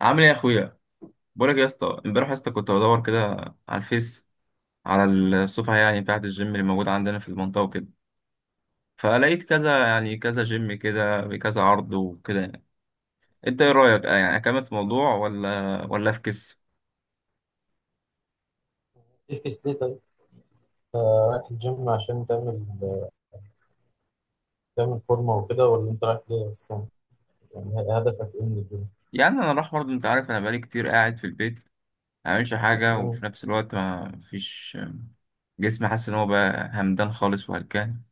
عامل ايه يا اخويا؟ بقولك يا اسطى، امبارح يا اسطى كنت بدور كده على الفيس، على الصفحه يعني بتاعه الجيم اللي موجوده عندنا في المنطقه وكده. فلقيت كذا يعني، كذا جيم كده بكذا عرض وكده. يعني انت ايه رايك، يعني اكمل في موضوع ولا افكس؟ تفكس ليه طيب؟ أنت رايح الجيم عشان تعمل فورمة وكده، ولا أنت رايح ليه أصلا؟ يعني هدفك إيه من الجيم؟ يعني انا راح برضه، انت عارف انا بقالي كتير قاعد في البيت، ما بعملش حاجه، مم. وفي نفس الوقت ما فيش. جسمي حاسس ان هو بقى همدان خالص وهلكان.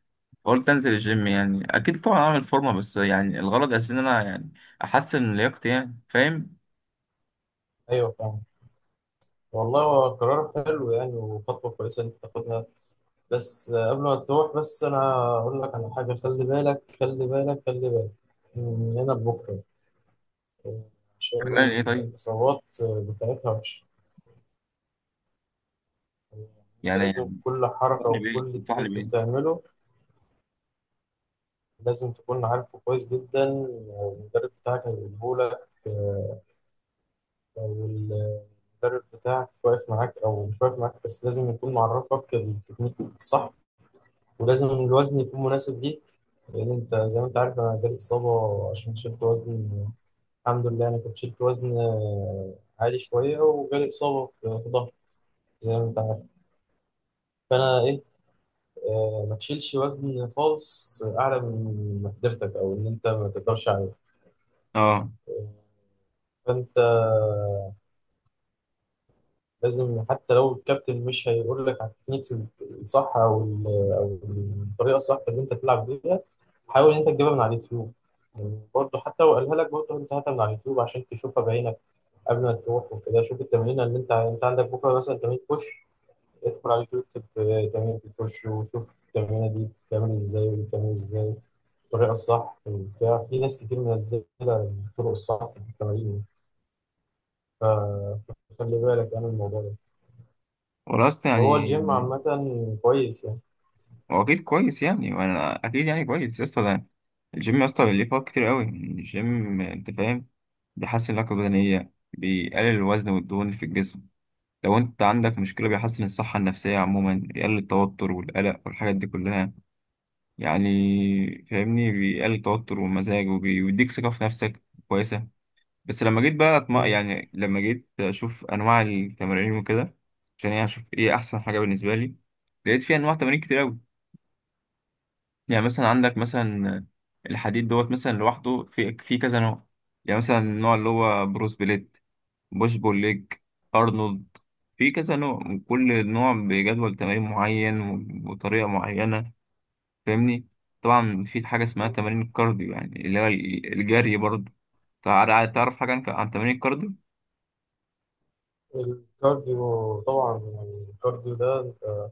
فقلت انزل الجيم، يعني اكيد طبعا اعمل فورمه، بس يعني الغرض اساسا ان انا يعني احسن من لياقتي، يعني فاهم. أيوه، فاهم. والله هو قرار حلو يعني، وخطوة كويسة إن أنت تاخدها. بس قبل ما تروح، بس أنا أقول لك على حاجة. خلي بالك خلي بالك خلي بالك من هنا لبكرة، آه، عشان خلاني ايه طيب؟ الإصابات بتاعتها وحشة. يعني أنت يعني لازم كل حركة انصحني بيه وكل انصحني تكنيك بيه. بتعمله لازم تكون عارفه كويس جدا، والمدرب بتاعك هيقوله لك. لو المدرب بتاعك واقف معاك او مش واقف معاك، بس لازم يكون معرفك التكنيك الصح، ولازم الوزن يكون مناسب ليك. لان انت زي ما انت عارف، انا جالي اصابه عشان شلت وزن. الحمد لله، انا كنت شلت وزن عالي شويه، وجالي اصابه في ظهري، زي ما انت عارف. فانا ايه، ما تشيلش وزن خالص اعلى من مقدرتك او ان انت ما تقدرش عليه. اه. آه، فانت لازم، حتى لو الكابتن مش هيقول لك على التكنيكس الصح او الطريقه الصح اللي انت تلعب بيها، حاول انت تجيبها من على اليوتيوب. يعني برضه حتى لو قالها لك، برضه انت هاتها من على اليوتيوب عشان تشوفها بعينك قبل ما تروح وكده. شوف التمرين اللي انت عندك بكره، مثلا تمرين بوش، ادخل على اليوتيوب اكتب تمرين البوش، وشوف التمرينه دي بتتعمل ازاي، وبتتعمل ازاي الطريقه الصح، وبتاع في ناس كتير منزله الطرق الصح في التمارين. فخلي بالك يعني من الموضوع ده. ولاست هو يعني. الجيم عامة كويس يعني. هو اكيد كويس، يعني وانا اكيد يعني كويس يا اسطى. ده الجيم يا اسطى ليه فوائد كتير قوي الجيم، انت فاهم. بيحسن اللياقه البدنيه، بيقلل الوزن والدهون اللي في الجسم. لو انت عندك مشكله بيحسن الصحه النفسيه عموما، بيقلل التوتر والقلق والحاجات دي كلها. يعني فاهمني، بيقلل التوتر والمزاج، وبيديك ثقه في نفسك كويسه. بس لما جيت بقى مم. يعني لما جيت اشوف انواع التمارين وكده، عشان يعني اشوف ايه احسن حاجه بالنسبه لي. لقيت في انواع تمارين كتير قوي. يعني مثلا عندك مثلا الحديد دوت مثلا لوحده في كذا نوع. يعني مثلا النوع اللي هو بروس بليت، بوش بول ليج، ارنولد. في كذا نوع، وكل نوع بجدول تمارين معين و- وطريقه معينه، فاهمني. طبعا في حاجه اسمها تمارين الكارديو، يعني اللي هو الجري برضه. تعرف حاجه عن تمارين الكارديو؟ الكارديو طبعا، يعني الكارديو ده انت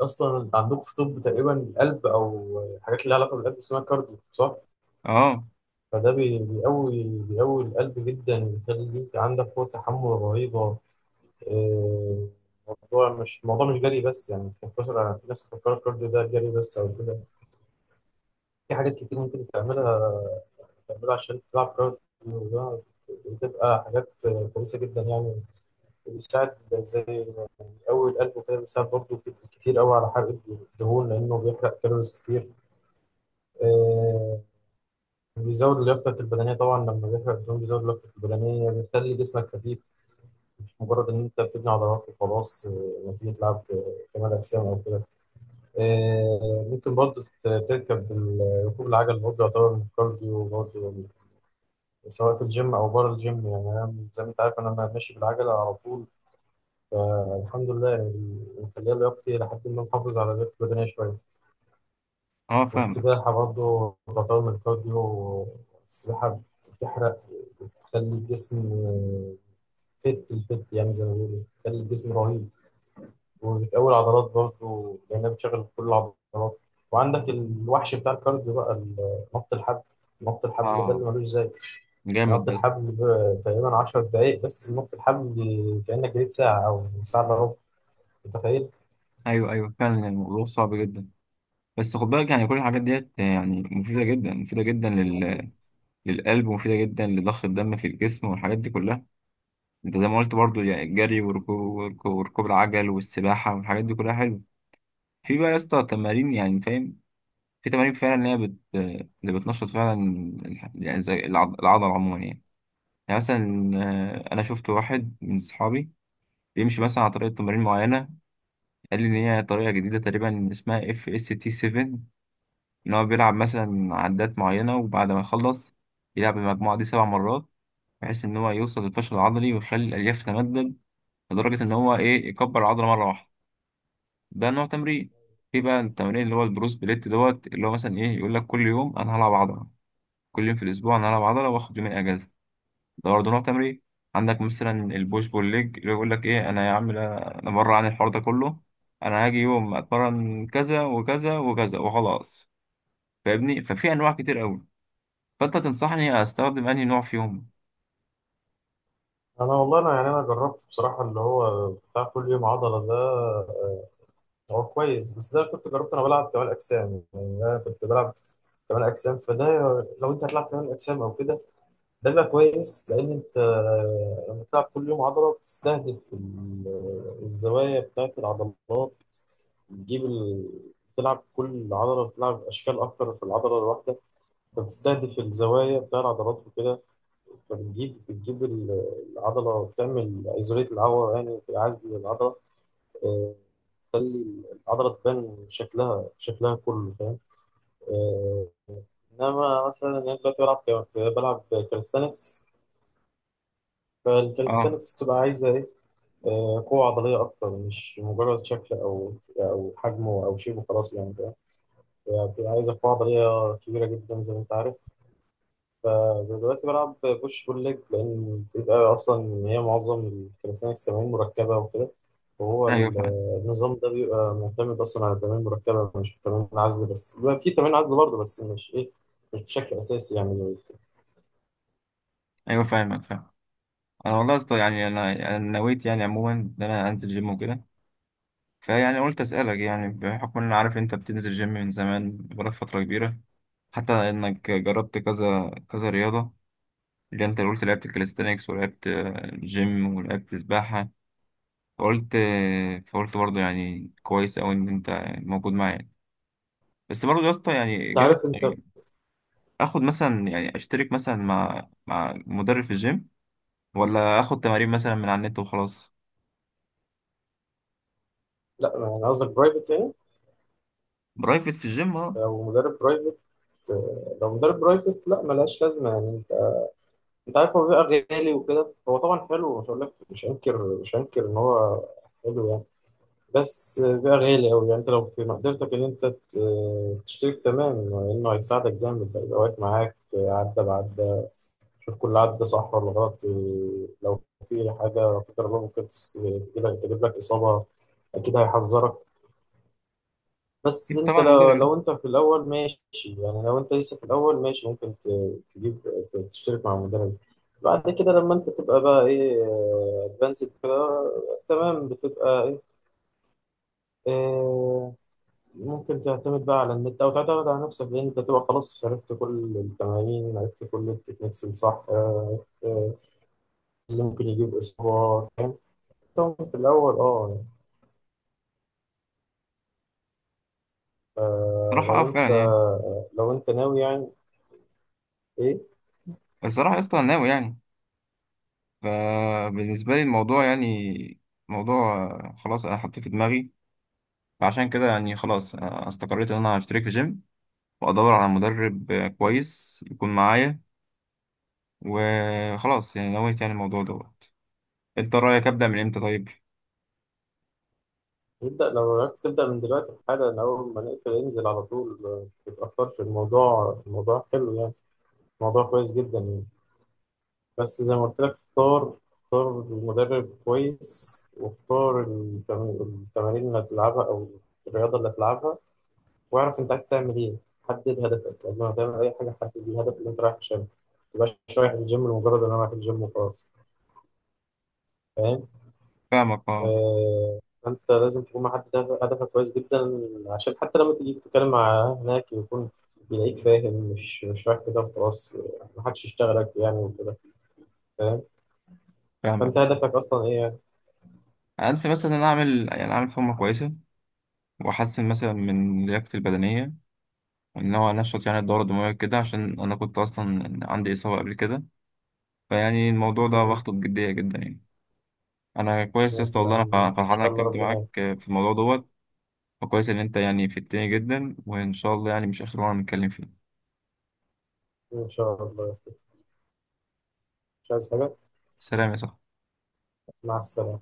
اصلا انت عندكم في طب تقريبا القلب او الحاجات اللي لها علاقه بالقلب اسمها كارديو، صح؟ اه. فده بيقوي القلب جدا، بيخليك عندك قوه تحمل رهيبه. آه، الموضوع مش جري بس يعني، مش مقتصر على، في ناس بتفكر الكارديو ده جري بس او كده. في حاجات كتير ممكن تعملها عشان تلعب كارديو، ده بتبقى حاجات كويسه جدا يعني. بيساعد زي قوي القلب كده، بيساعد برضه كتير قوي على حرق الدهون لأنه بيحرق كالوريز كتير. آه، بيزود لياقتك البدنية. طبعا لما بيحرق الدهون بيزود لياقتك البدنية، بيخلي جسمك خفيف، مش مجرد إن أنت بتبني عضلات وخلاص، نتيجة لعب كمال أجسام أو كده. ممكن برضه ركوب العجل برضه يعتبر من الكارديو برضه، سواء في الجيم أو بره الجيم. يعني أنا زي ما أنت عارف، أنا ماشي بالعجلة على طول، فالحمد لله يعني مخليها لياقتي، لحد ما محافظ على لياقتي البدنية شوية. اه فاهمك. والسباحة برضه تعتبر من الكارديو. السباحة بتحرق، بتخلي الجسم الفت، يعني زي ما بيقولوا بتخلي الجسم رهيب. وبتقوي العضلات برضه، لأنها بتشغل كل العضلات. وعندك الوحش بتاع الكارديو بقى، نط الحبل. نط الحبل ده اه اللي ملوش زي. جامد نط بس. الحبل تقريبا 10 دقايق بس، نط الحبل كأنك جريت ساعة أو ساعة إلا ربع، متخيل؟ ايوه ايوه فعلا الموضوع صعب جدا. بس خد بالك يعني كل الحاجات ديت يعني مفيده جدا، مفيده جدا للقلب، ومفيده جدا لضخ الدم في الجسم والحاجات دي كلها. انت زي ما قلت برضو يعني الجري، وركوب العجل والسباحه والحاجات دي كلها حلوه. في بقى يا اسطى تمارين يعني فاهم، في تمارين فعلا اللي هي اللي بتنشط فعلا، يعني زي العضله عموما يعني. يعني مثلا انا شفت واحد من اصحابي بيمشي مثلا على طريقه تمارين معينه. قال لي إن هي طريقة جديدة تقريبا اسمها اف اس تي 7. إن هو بيلعب مثلا عدات معينة، وبعد ما يخلص يلعب المجموعة دي 7 مرات، بحيث إن هو يوصل للفشل العضلي ويخلي الألياف تتمدد، لدرجة إن هو إيه يكبر العضلة مرة واحدة. ده نوع تمرين. في بقى التمرين اللي هو البروس بليت دوت، اللي هو مثلا إيه يقول لك كل يوم أنا هلعب عضلة، كل يوم في الأسبوع أنا هلعب عضلة، وآخد يومين أجازة. ده برضه نوع تمرين. عندك مثلا البوش بول ليج، اللي يقول لك ايه: انا يا عم، انا بره عن الحوار ده كله، انا هاجي يوم اتمرن كذا وكذا وكذا وخلاص. فاهمني؟ ففي انواع كتير قوي، فانت تنصحني استخدم انهي نوع فيهم؟ أنا والله، أنا يعني أنا جربت بصراحة اللي هو بتاع كل يوم عضلة ده. هو كويس، بس ده كنت جربت انا بلعب كمال اجسام، يعني انا كنت بلعب كمال اجسام. فده لو انت هتلعب كمال اجسام او كده، ده بيبقى كويس. لان انت لما بتلعب كل يوم عضله بتستهدف الزوايا بتاعت العضلات، بتجيب بتلعب كل عضله، بتلعب اشكال اكتر في العضله الواحده، فبتستهدف الزوايا بتاع العضلات وكده، فبتجيب العضله، بتعمل ايزوليت العضله، يعني عزل العضله، تخلي العضلة تبان شكلها شكلها كله، فاهم؟ آه، إنما مثلا أنا دلوقتي بلعب بلعب كاليستانكس. اه فالكاليستانكس بتبقى عايزة إيه؟ قوة عضلية أكتر، مش مجرد شكل أو حجم أو شيء وخلاص يعني، فاهم؟ هي بتبقى عايزة قوة عضلية كبيرة جدا زي ما أنت عارف. فدلوقتي بلعب بوش بول ليج، لأن بيبقى أصلا هي معظم الكاليستانكس تمارين مركبة وكده، وهو ايوه فاهم. النظام ده بيبقى معتمد أصلا على التمارين المركبة مش تمارين العزل بس، بيبقى في تمارين عزل برضه بس مش إيه، مش بشكل أساسي يعني زي كده. ايوه فاهمك فاهم. انا والله يا اسطى يعني انا نويت، يعني عموما، ان انا انزل جيم وكده. فيعني قلت اسالك، يعني بحكم ان انا عارف انت بتنزل جيم من زمان بقالك فتره كبيره، حتى انك جربت كذا كذا رياضه. اللي انت قلت لعبت كاليستانكس ولعبت جيم ولعبت سباحة. فقلت برضه يعني كويس أوي إن أنت موجود معايا. بس برضه يا اسطى يعني أنت جافي عارف أنت. يعني، آخد مثلا يعني أشترك مثلا مع مدرب في الجيم، ولا آخد تمارين مثلا من على النت وخلاص؟ لا يعني قصدك برايفت يعني. برايفت في الجيم، أه. لو مدرب برايفت لو مدرب برايفت لا ملهاش لازمة يعني. أنت عارف هو بيبقى غالي وكده. هو طبعا حلو، مش هقول لك، مش هنكر إن هو حلو يعني، بس بقى غالي أوي. يعني أنت لو في مقدرتك إن أنت تشترك، تمام، لأنه هيساعدك جامد. هيبقى واقف معاك عدة بعدة، شوف كل عدة صح ولا غلط. لو في حاجة لا قدر الله ممكن تجيب لك إصابة، أكيد هيحذرك. بس أكيد أنت طبعا مدرب لو يعني. لو أنت في الأول ماشي يعني، لو أنت لسه في الأول ماشي ممكن تشترك مع المدرب. بعد كده لما أنت تبقى بقى إيه، أدفانسد كده، تمام، بتبقى إيه، آه، ممكن تعتمد بقى على النت او تعتمد على نفسك، لان انت تبقى خلاص عرفت كل التمارين، عرفت كل التكنيكس الصح، عرفت اللي ممكن يجيب اسبوع، فاهم؟ طبعاً في الاول، يعني، آه، صراحة أه لو فعلا انت يعني. لو انت ناوي يعني ايه؟ بس صراحة يا اسطى أنا ناوي يعني، فبالنسبة لي الموضوع يعني موضوع خلاص، أنا حطيته في دماغي. فعشان كده يعني خلاص استقريت إن أنا هشترك في جيم، وأدور على مدرب كويس يكون معايا، وخلاص يعني نويت يعني الموضوع دوت. أنت رأيك أبدأ من إمتى طيب؟ نبدا لو عرفت تبدا من دلوقتي حالا، من اول ما نقفل انزل على طول، ما تتاخرش، الموضوع حلو يعني، الموضوع كويس جدا يعني. بس زي ما قلت لك، اختار المدرب كويس، واختار التمارين اللي هتلعبها او الرياضه اللي هتلعبها، واعرف انت عايز تعمل ايه. حدد هدفك قبل ما تعمل اي حاجه. حدد الهدف اللي انت رايح عشانه، ما تبقاش رايح الجيم لمجرد ان انا رايح الجيم وخلاص، فاهم؟ فاهمك أه. آه انت لازم تكون محدد هدفك كويس جدا، عشان حتى لما تيجي تتكلم مع هناك يكون يلاقيك فاهم، مش رايح كده وخلاص، محدش يشتغلك يعني وكده، فاهم؟ فاهمك فانت بس، هدفك اصلا ايه يعني؟ أنا أنت مثلا ان أنا أعمل، يعني أعمل فورمة كويسة، وأحسن مثلا من لياقتي البدنية، إن هو أنشط يعني الدورة الدموية كده، عشان أنا كنت أصلا عندي إصابة قبل كده. فيعني الموضوع ده واخده بجدية جدا يعني. أنا كويس يا اسطى، يلا، والله أنا إن فرحان إني شاء الله اتكلمت ربنا معاك يكرمك. في الموضوع دوت. وكويس إن أنت يعني فدتني جدا، وإن شاء الله يعني مش آخر مرة نتكلم فيه. إن شاء الله. مش عايز حاجة. سلام يا صاحبي. مع السلامة.